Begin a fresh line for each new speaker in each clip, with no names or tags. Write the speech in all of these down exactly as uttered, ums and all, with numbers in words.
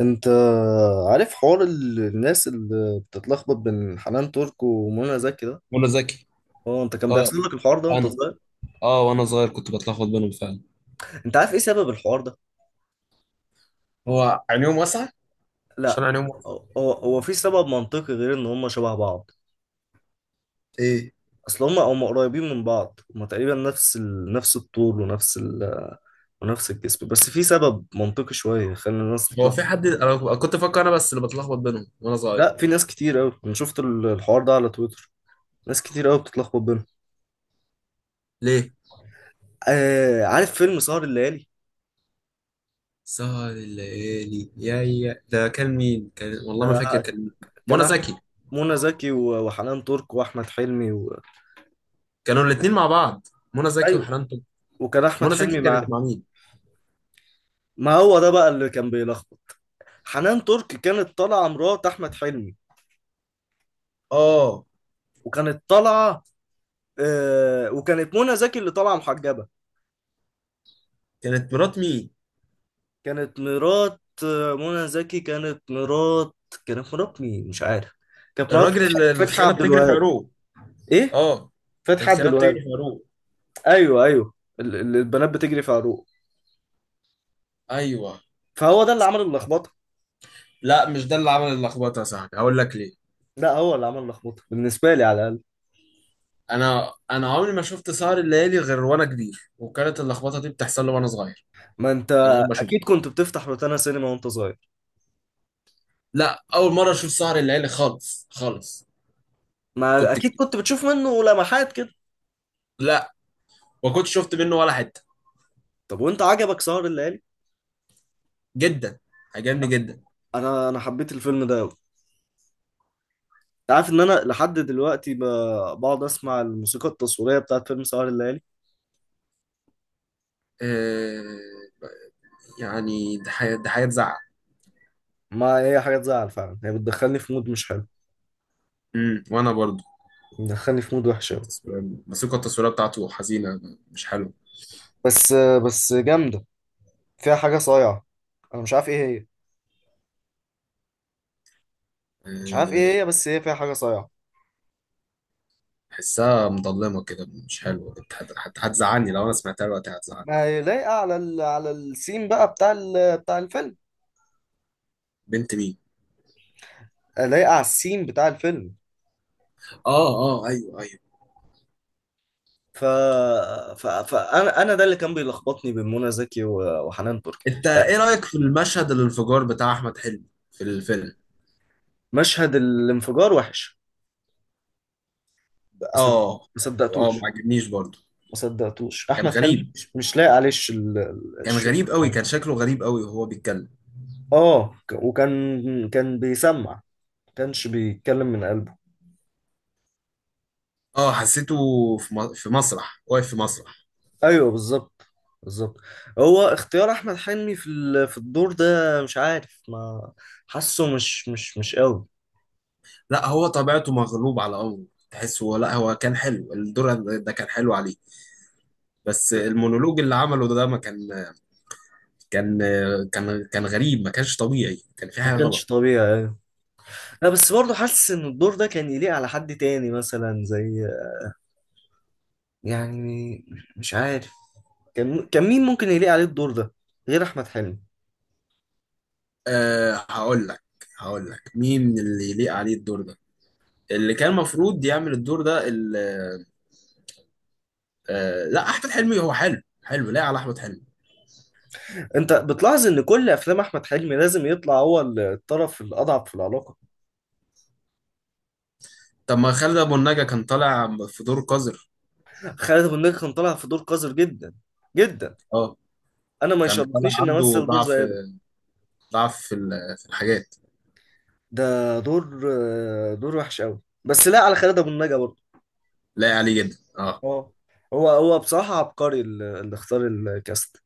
انت عارف حوار ال- الناس اللي بتتلخبط بين حنان ترك ومنى زكي ده؟
منى زكي.
اه، انت كان
اه.
بيحصل لك الحوار ده وانت
انا
صغير؟
اه وانا صغير كنت بتلخبط بينهم فعلا.
انت عارف ايه سبب الحوار ده؟
هو عينيهم واسعة. عشان
لا،
عينيهم واسعة.
هو هو هو في سبب منطقي غير ان هم شبه بعض؟
ايه.
اصل هم هم قريبين من بعض، هم تقريبا نفس ال... نفس الطول ونفس ال... ونفس الجسم، بس في سبب منطقي شويه خلى الناس
هو في
تتلخبط.
حد؟ انا كنت فاكر انا بس اللي بتلخبط بينهم وانا صغير.
لا، في ناس كتير قوي، انا شفت ال- الحوار ده على تويتر، ناس كتير قوي بتتلخبط بينهم.
ليه؟
آه. عارف فيلم سهر الليالي؟
سهر الليالي، يا يا ده كان مين؟ كان والله ما فاكر
آه.
كان مين.
كان
منى
احمد
زكي.
منى زكي و- وحنان ترك واحمد حلمي و...
كانوا الاتنين مع بعض. منى زكي
ايوه،
وحنان ترك.
وكان احمد
منى زكي
حلمي
كانت
معاه.
مع مين؟
ما هو ده بقى اللي كان بيلخبط. حنان ترك كانت طالعه مرات احمد حلمي.
اه.
وكانت طالعه آه... وكانت منى زكي اللي طالعه محجبه.
كانت مرات مين؟
كانت مرات آه، منى زكي، كانت مرات. كانت مرات مين؟ مش عارف. كانت مرات
الراجل
فتحي
اللي
فتحي
الخيانة
عبد
بتجري في
الوهاب.
عروق؟
ايه.
اه.
فتحي عبد
الخيانة بتجري
الوهاب.
في عروق.
ايوه، ايوه. ال- ال- البنات بتجري في عروق.
ايوه.
فهو ده اللي عمل اللخبطه.
لا مش ده اللي عمل اللخبطة يا صاحبي، هقول لك ليه.
لا، هو اللي عمل اللخبطه بالنسبه لي على الاقل.
انا انا عمري ما شفت سهر الليالي غير وانا كبير، وكانت اللخبطه دي بتحصل لي وانا صغير،
ما انت
من غير ما اشوفه.
اكيد كنت بتفتح روتانا سينما وانت صغير.
لا، اول مره اشوف سهر الليالي خالص خالص.
ما
كنت ك-
اكيد كنت بتشوف منه لمحات كده.
لا، ما كنتش شفت منه ولا حته.
طب، وانت عجبك سهر الليالي؟
جدا. عجبني جدا.
انا انا حبيت الفيلم ده قوي. انت عارف ان انا لحد دلوقتي ب... بقعد اسمع الموسيقى التصويريه بتاعت فيلم سهر الليالي.
أه... يعني ده حاجه، ده حاجه تزعل.
ما هي حاجه تزعل فعلا، هي بتدخلني في مود مش حلو،
امم وانا برضو.
بتدخلني في مود وحش قوي.
التصوير موسيقى التصوير بتاعته حزينه، مش حلوه.
بس بس جامده، فيها حاجه صايعه، انا مش عارف ايه هي. مش عارف
أه...
ايه هي، بس هي فيها حاجه صايعه.
حسها مظلمه كده، مش حلوه. هت- هت- هتزعلني لو انا سمعتها دلوقتي، هتزعلني.
ما هي لايقه على ال... على السين بقى بتاع ال... بتاع الفيلم.
بنت مين؟
لايقه على السين بتاع الفيلم.
اه، اه، ايوه، ايوه.
ف... ف... فانا انا ده اللي كان بيلخبطني بين منى زكي و- وحنان ترك.
انت ايه رأيك في المشهد الانفجار بتاع احمد حلمي في الفيلم؟
مشهد الانفجار وحش، بس، ما
اه، اه، ما
صدقتوش
عجبنيش برضو.
ما صدقتوش
كان
احمد حلمي
غريب.
مش مش لاقي عليه الش- ال- ال-
كان
الشغل
غريب قوي.
بتاعه.
كان شكله غريب قوي وهو بيتكلم.
اه، ك- وكان كان بيسمع، ما كانش بيتكلم من قلبه.
اه، حسيته في م- في مسرح. واقف في مسرح.
ايوه، بالظبط، بالظبط. هو اختيار احمد حلمي في ال- في الدور ده، مش عارف، ما حاسه مش مش مش قوي.
لا هو طبيعته مغلوب على امره، تحسه. لا هو كان حلو، الدور ده كان حلو عليه. بس المونولوج اللي عمله ده ما كان، كان كان كان غريب. ما كانش طبيعي، كان في
ما
حاجة
كانش
غلط.
طبيعي. لا، بس برضه حاسس ان الدور ده كان يليق على حد تاني، مثلا زي، يعني، مش عارف. كان كان مين ممكن يليق عليه الدور ده غير احمد حلمي؟
أه، هقول لك هقول لك مين اللي يليق عليه الدور ده، اللي كان المفروض يعمل الدور ده ال- آه، لا، احمد حلمي هو حلو، حلو، لا على احمد حلمي.
انت بتلاحظ ان كل افلام احمد حلمي لازم يطلع هو الطرف الاضعف في العلاقه؟
طب ما خالد ابو النجا كان طالع في دور قذر.
خالد ابو النجا كان طالع في دور قذر جدا، جدا.
اه،
انا ما
كان طالع
يشرفنيش ان
عنده
امثل دور
ضعف،
زي ده.
ضعف في ال- في الحاجات.
ده دور آه، دور وحش قوي، بس لا على خالد ابو النجا برضه.
لا عليه جدا، اه.
اه، هو هو بصراحه عبقري اللي اللي اختار الكاست.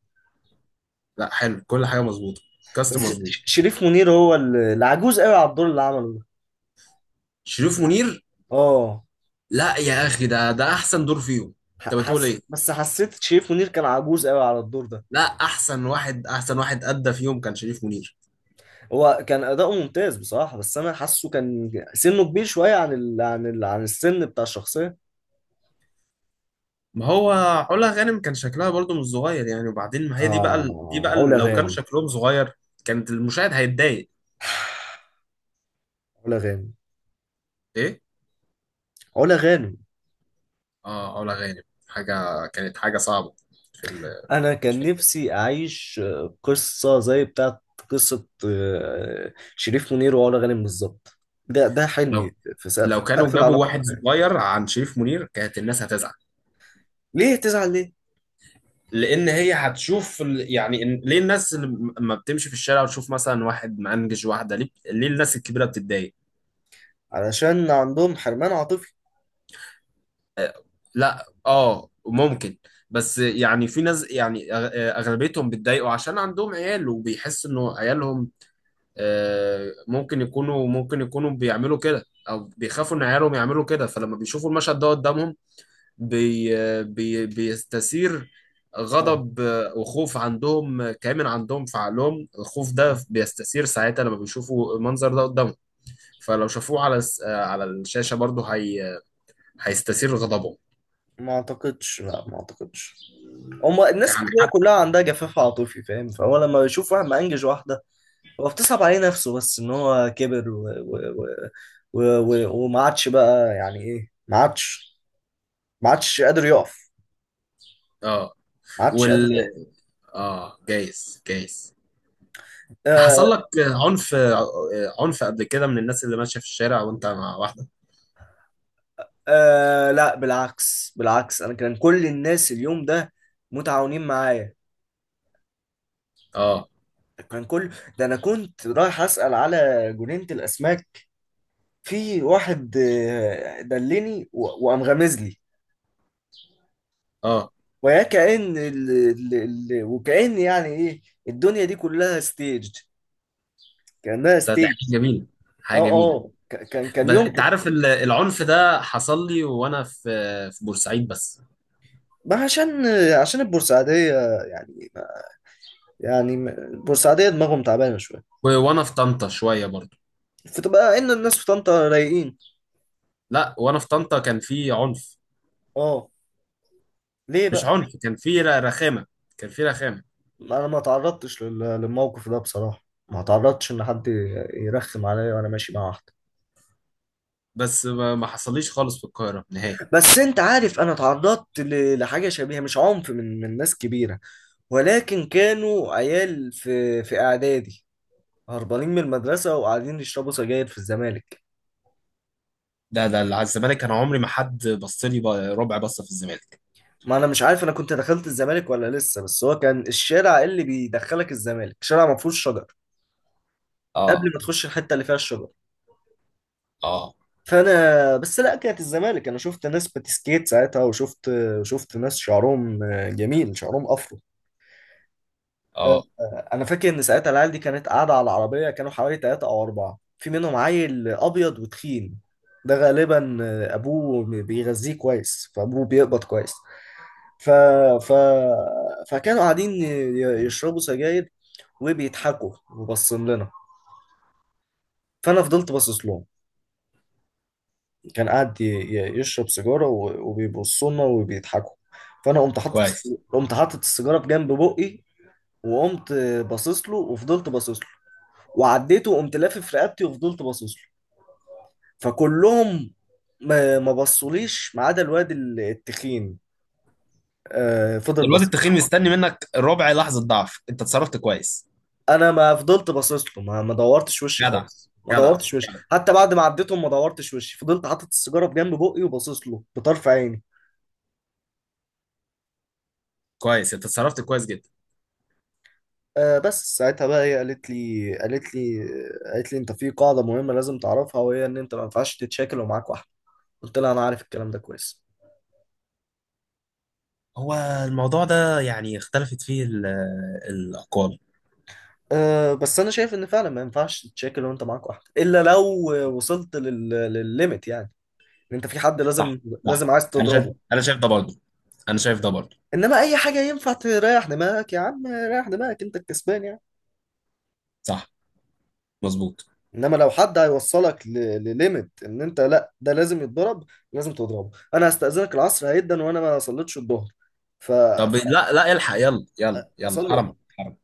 لا، حلو، كل حاجه مظبوطه. كاست
بس ش-
مظبوط.
شريف منير هو ال- العجوز قوي على الدور اللي عمله ده.
شريف منير.
اه،
لا يا اخي، ده ده احسن دور فيهم. انت
ح-
بتقول
حس
ايه؟
بس حسيت شريف منير كان عجوز قوي على الدور ده.
لا، احسن واحد احسن واحد ادى فيهم كان شريف منير.
هو كان اداؤه ممتاز بصراحة، بس انا حاسه كان سنه كبير شوية عن ال... عن ال... عن السن بتاع الشخصية.
ما هو علا غانم كان شكلها برضو مش صغير يعني. وبعدين ما هي دي بقى ال- دي
اه،
بقى ال-
علا
لو كان
غانم.
شكلهم صغير كانت المشاهد هيتضايق.
علا غانم.
ايه.
علا غانم.
اه، علا غانم. حاجه كانت حاجه صعبه في ال...
انا كان نفسي اعيش آه، قصة زي بتاعت قصة آه، شريف منير وعلا غانم بالظبط. ده ده حلمي
لو
في سقف
لو كانوا
سقف
جابوا
العلاقات
واحد
ده.
صغير عن شريف منير، كانت الناس هتزعل.
ليه تزعل؟ ليه؟
لان هي هتشوف ال- يعني إن- ليه الناس لما بتمشي في الشارع وتشوف مثلا واحد مأنجج واحده؟ ليه ليه الناس الكبيره بتتضايق؟
علشان عندهم حرمان عاطفي.
لا، اه، ممكن. بس يعني في ناس، يعني، أغ- اغلبيتهم بيتضايقوا عشان عندهم عيال، وبيحس انه عيالهم. آه، ممكن يكونوا، ممكن يكونوا بيعملوا كده، او بيخافوا ان عيالهم يعملوا كده. فلما بيشوفوا المشهد ده قدامهم، بي بي بيستثير
اه.
غضب، آه، وخوف عندهم، آه، كامن عندهم في عقلهم. الخوف ده
آه.
بيستثير ساعتها لما بيشوفوا المنظر ده قدامهم. فلو شافوه على الس- آه، على الشاشة برضه، هي هيستثير غضبهم.
ما اعتقدش، لا، ما اعتقدش. هما الناس
يعني
كتيرة
حتى.
كلها عندها جفاف عاطفي، فاهم؟ فهو لما بيشوف واحد مأنجج واحدة، هو بتصعب عليه نفسه، بس ان هو كبر و... و... و... و... و... وما عادش بقى، يعني ايه، ما عادش، ما عادش قادر يقف.
اه.
ما عادش قادر
وال
يقف.
اه جايز، جايز.
آه،
حصل لك عنف، آه، عنف قبل كده من الناس اللي ماشيه في الشارع وانت مع واحده؟
آه، لا، بالعكس، بالعكس، انا كان كل الناس اليوم ده متعاونين معايا.
اه،
كان كل ده انا كنت رايح اسأل على جنينة الاسماك. في واحد آه، دلني و- وقام غامز لي،
اه.
ويا كأن ال... ال... ال... وكأن يعني ايه، الدنيا دي كلها ستيج، كأنها
ده ده
ستيج.
حاجه جميله، حاجه
اه،
جميله.
اه، ك- كان كان
بس انت
يمكن.
عارف، ال- العنف ده حصل لي وانا في في بورسعيد بس.
ما عشان آه، عشان البورسعيدية، يعني ما- يعني ما- البورسعيدية دماغهم تعبانة شوية.
و- وانا في طنطا شويه برضو.
فتبقى ان الناس في طنطا رايقين.
لا وانا في طنطا كان في عنف.
اه. ليه
مش
بقى؟
عنف، كان في ر- رخامه، كان في رخامه.
انا ما تعرضتش لل... للموقف ده بصراحة، ما تعرضتش ان حد يرخم عليا وانا ماشي مع واحدة.
بس ما ما حصليش خالص في القاهره نهائي.
بس انت عارف انا اتعرضت ل- لحاجه شبيهه، مش عنف من من ناس كبيره، ولكن كانوا عيال في في اعدادي هربانين من المدرسه وقاعدين يشربوا سجاير في الزمالك.
ده ده اللي على الزمالك، انا عمري ما حد بص لي ب- ربع بصه في الزمالك.
ما انا مش عارف انا كنت دخلت الزمالك ولا لسه، بس هو كان الشارع اللي بيدخلك الزمالك شارع ما فيهوش شجر
اه،
قبل ما تخش الحته اللي فيها الشجر.
اه،
فانا بس لا، كانت الزمالك، انا شفت ناس بتسكيت ساعتها، وشفت شفت ناس شعرهم جميل، شعرهم افرو. آه،
اه،
آه، انا فاكر ان ساعتها العيال دي كانت قاعده على العربيه، كانوا حوالي ثلاثه او اربعه، في منهم عيل ابيض وتخين، ده غالبا آه، ابوه بيغذيه كويس، فابوه بيقبض كويس. ف... ف... فكانوا قاعدين ي- يشربوا سجاير، وبيضحكوا وبصين لنا، فانا فضلت باصص لهم. كان قاعد ي- ي- يشرب سيجاره و- وبيبصوا لنا وبيضحكوا. فانا قمت حاطط
كويس.
قمت حاطط السيجاره بجنب بقي، وقمت باصص له وفضلت باصص له، وعديته وقمت لافف رقبتي وفضلت باصص له. فكلهم ما ما بصوليش، ما عدا الواد ال- التخين، آه، فضل
الواد
باصص.
التخين مستني منك ربع لحظة ضعف، انت اتصرفت كويس.
انا ما فضلت باصص له، ما ما دورتش وشي
جدع.
خالص، ما
جدع.
دورتش وشي
جدع.
حتى بعد ما عديتهم، ما دورتش وشي، فضلت حاطط السيجاره بجنب بقي وباصص له بطرف عيني.
كويس، انت اتصرفت كويس جدا.
آه، بس ساعتها بقى هي قالت لي قالت لي قالت لي انت في قاعده مهمه لازم تعرفها، وهي ان انت ما ينفعش تتشاكل ومعاك واحده. قلت لها انا عارف الكلام ده كويس.
هو الموضوع ده يعني اختلفت فيه ال- الأقوال.
أه، بس انا شايف ان فعلا ما ينفعش تشاكل وانت معاك واحده، الا لو وصلت لل... للليميت يعني، ان انت في حد لازم
صح، صح.
لازم عايز
انا شايف
تضربه.
انا شايف ده برضه. انا شايف ده برضه.
انما اي حاجه ينفع تريح دماغك، يا عم، ريح دماغك، انت الكسبان يعني.
صح، مظبوط.
انما لو حد هيوصلك ل... لليميت، ان انت، لا، ده لازم يتضرب، لازم تضربه. انا هستأذنك، العصر هيدا وانا ما صليتش الظهر، ف...
طب
ف...
لا، لا، الحق، يلا يلا يلا.
اصلي.
حرام. حرام.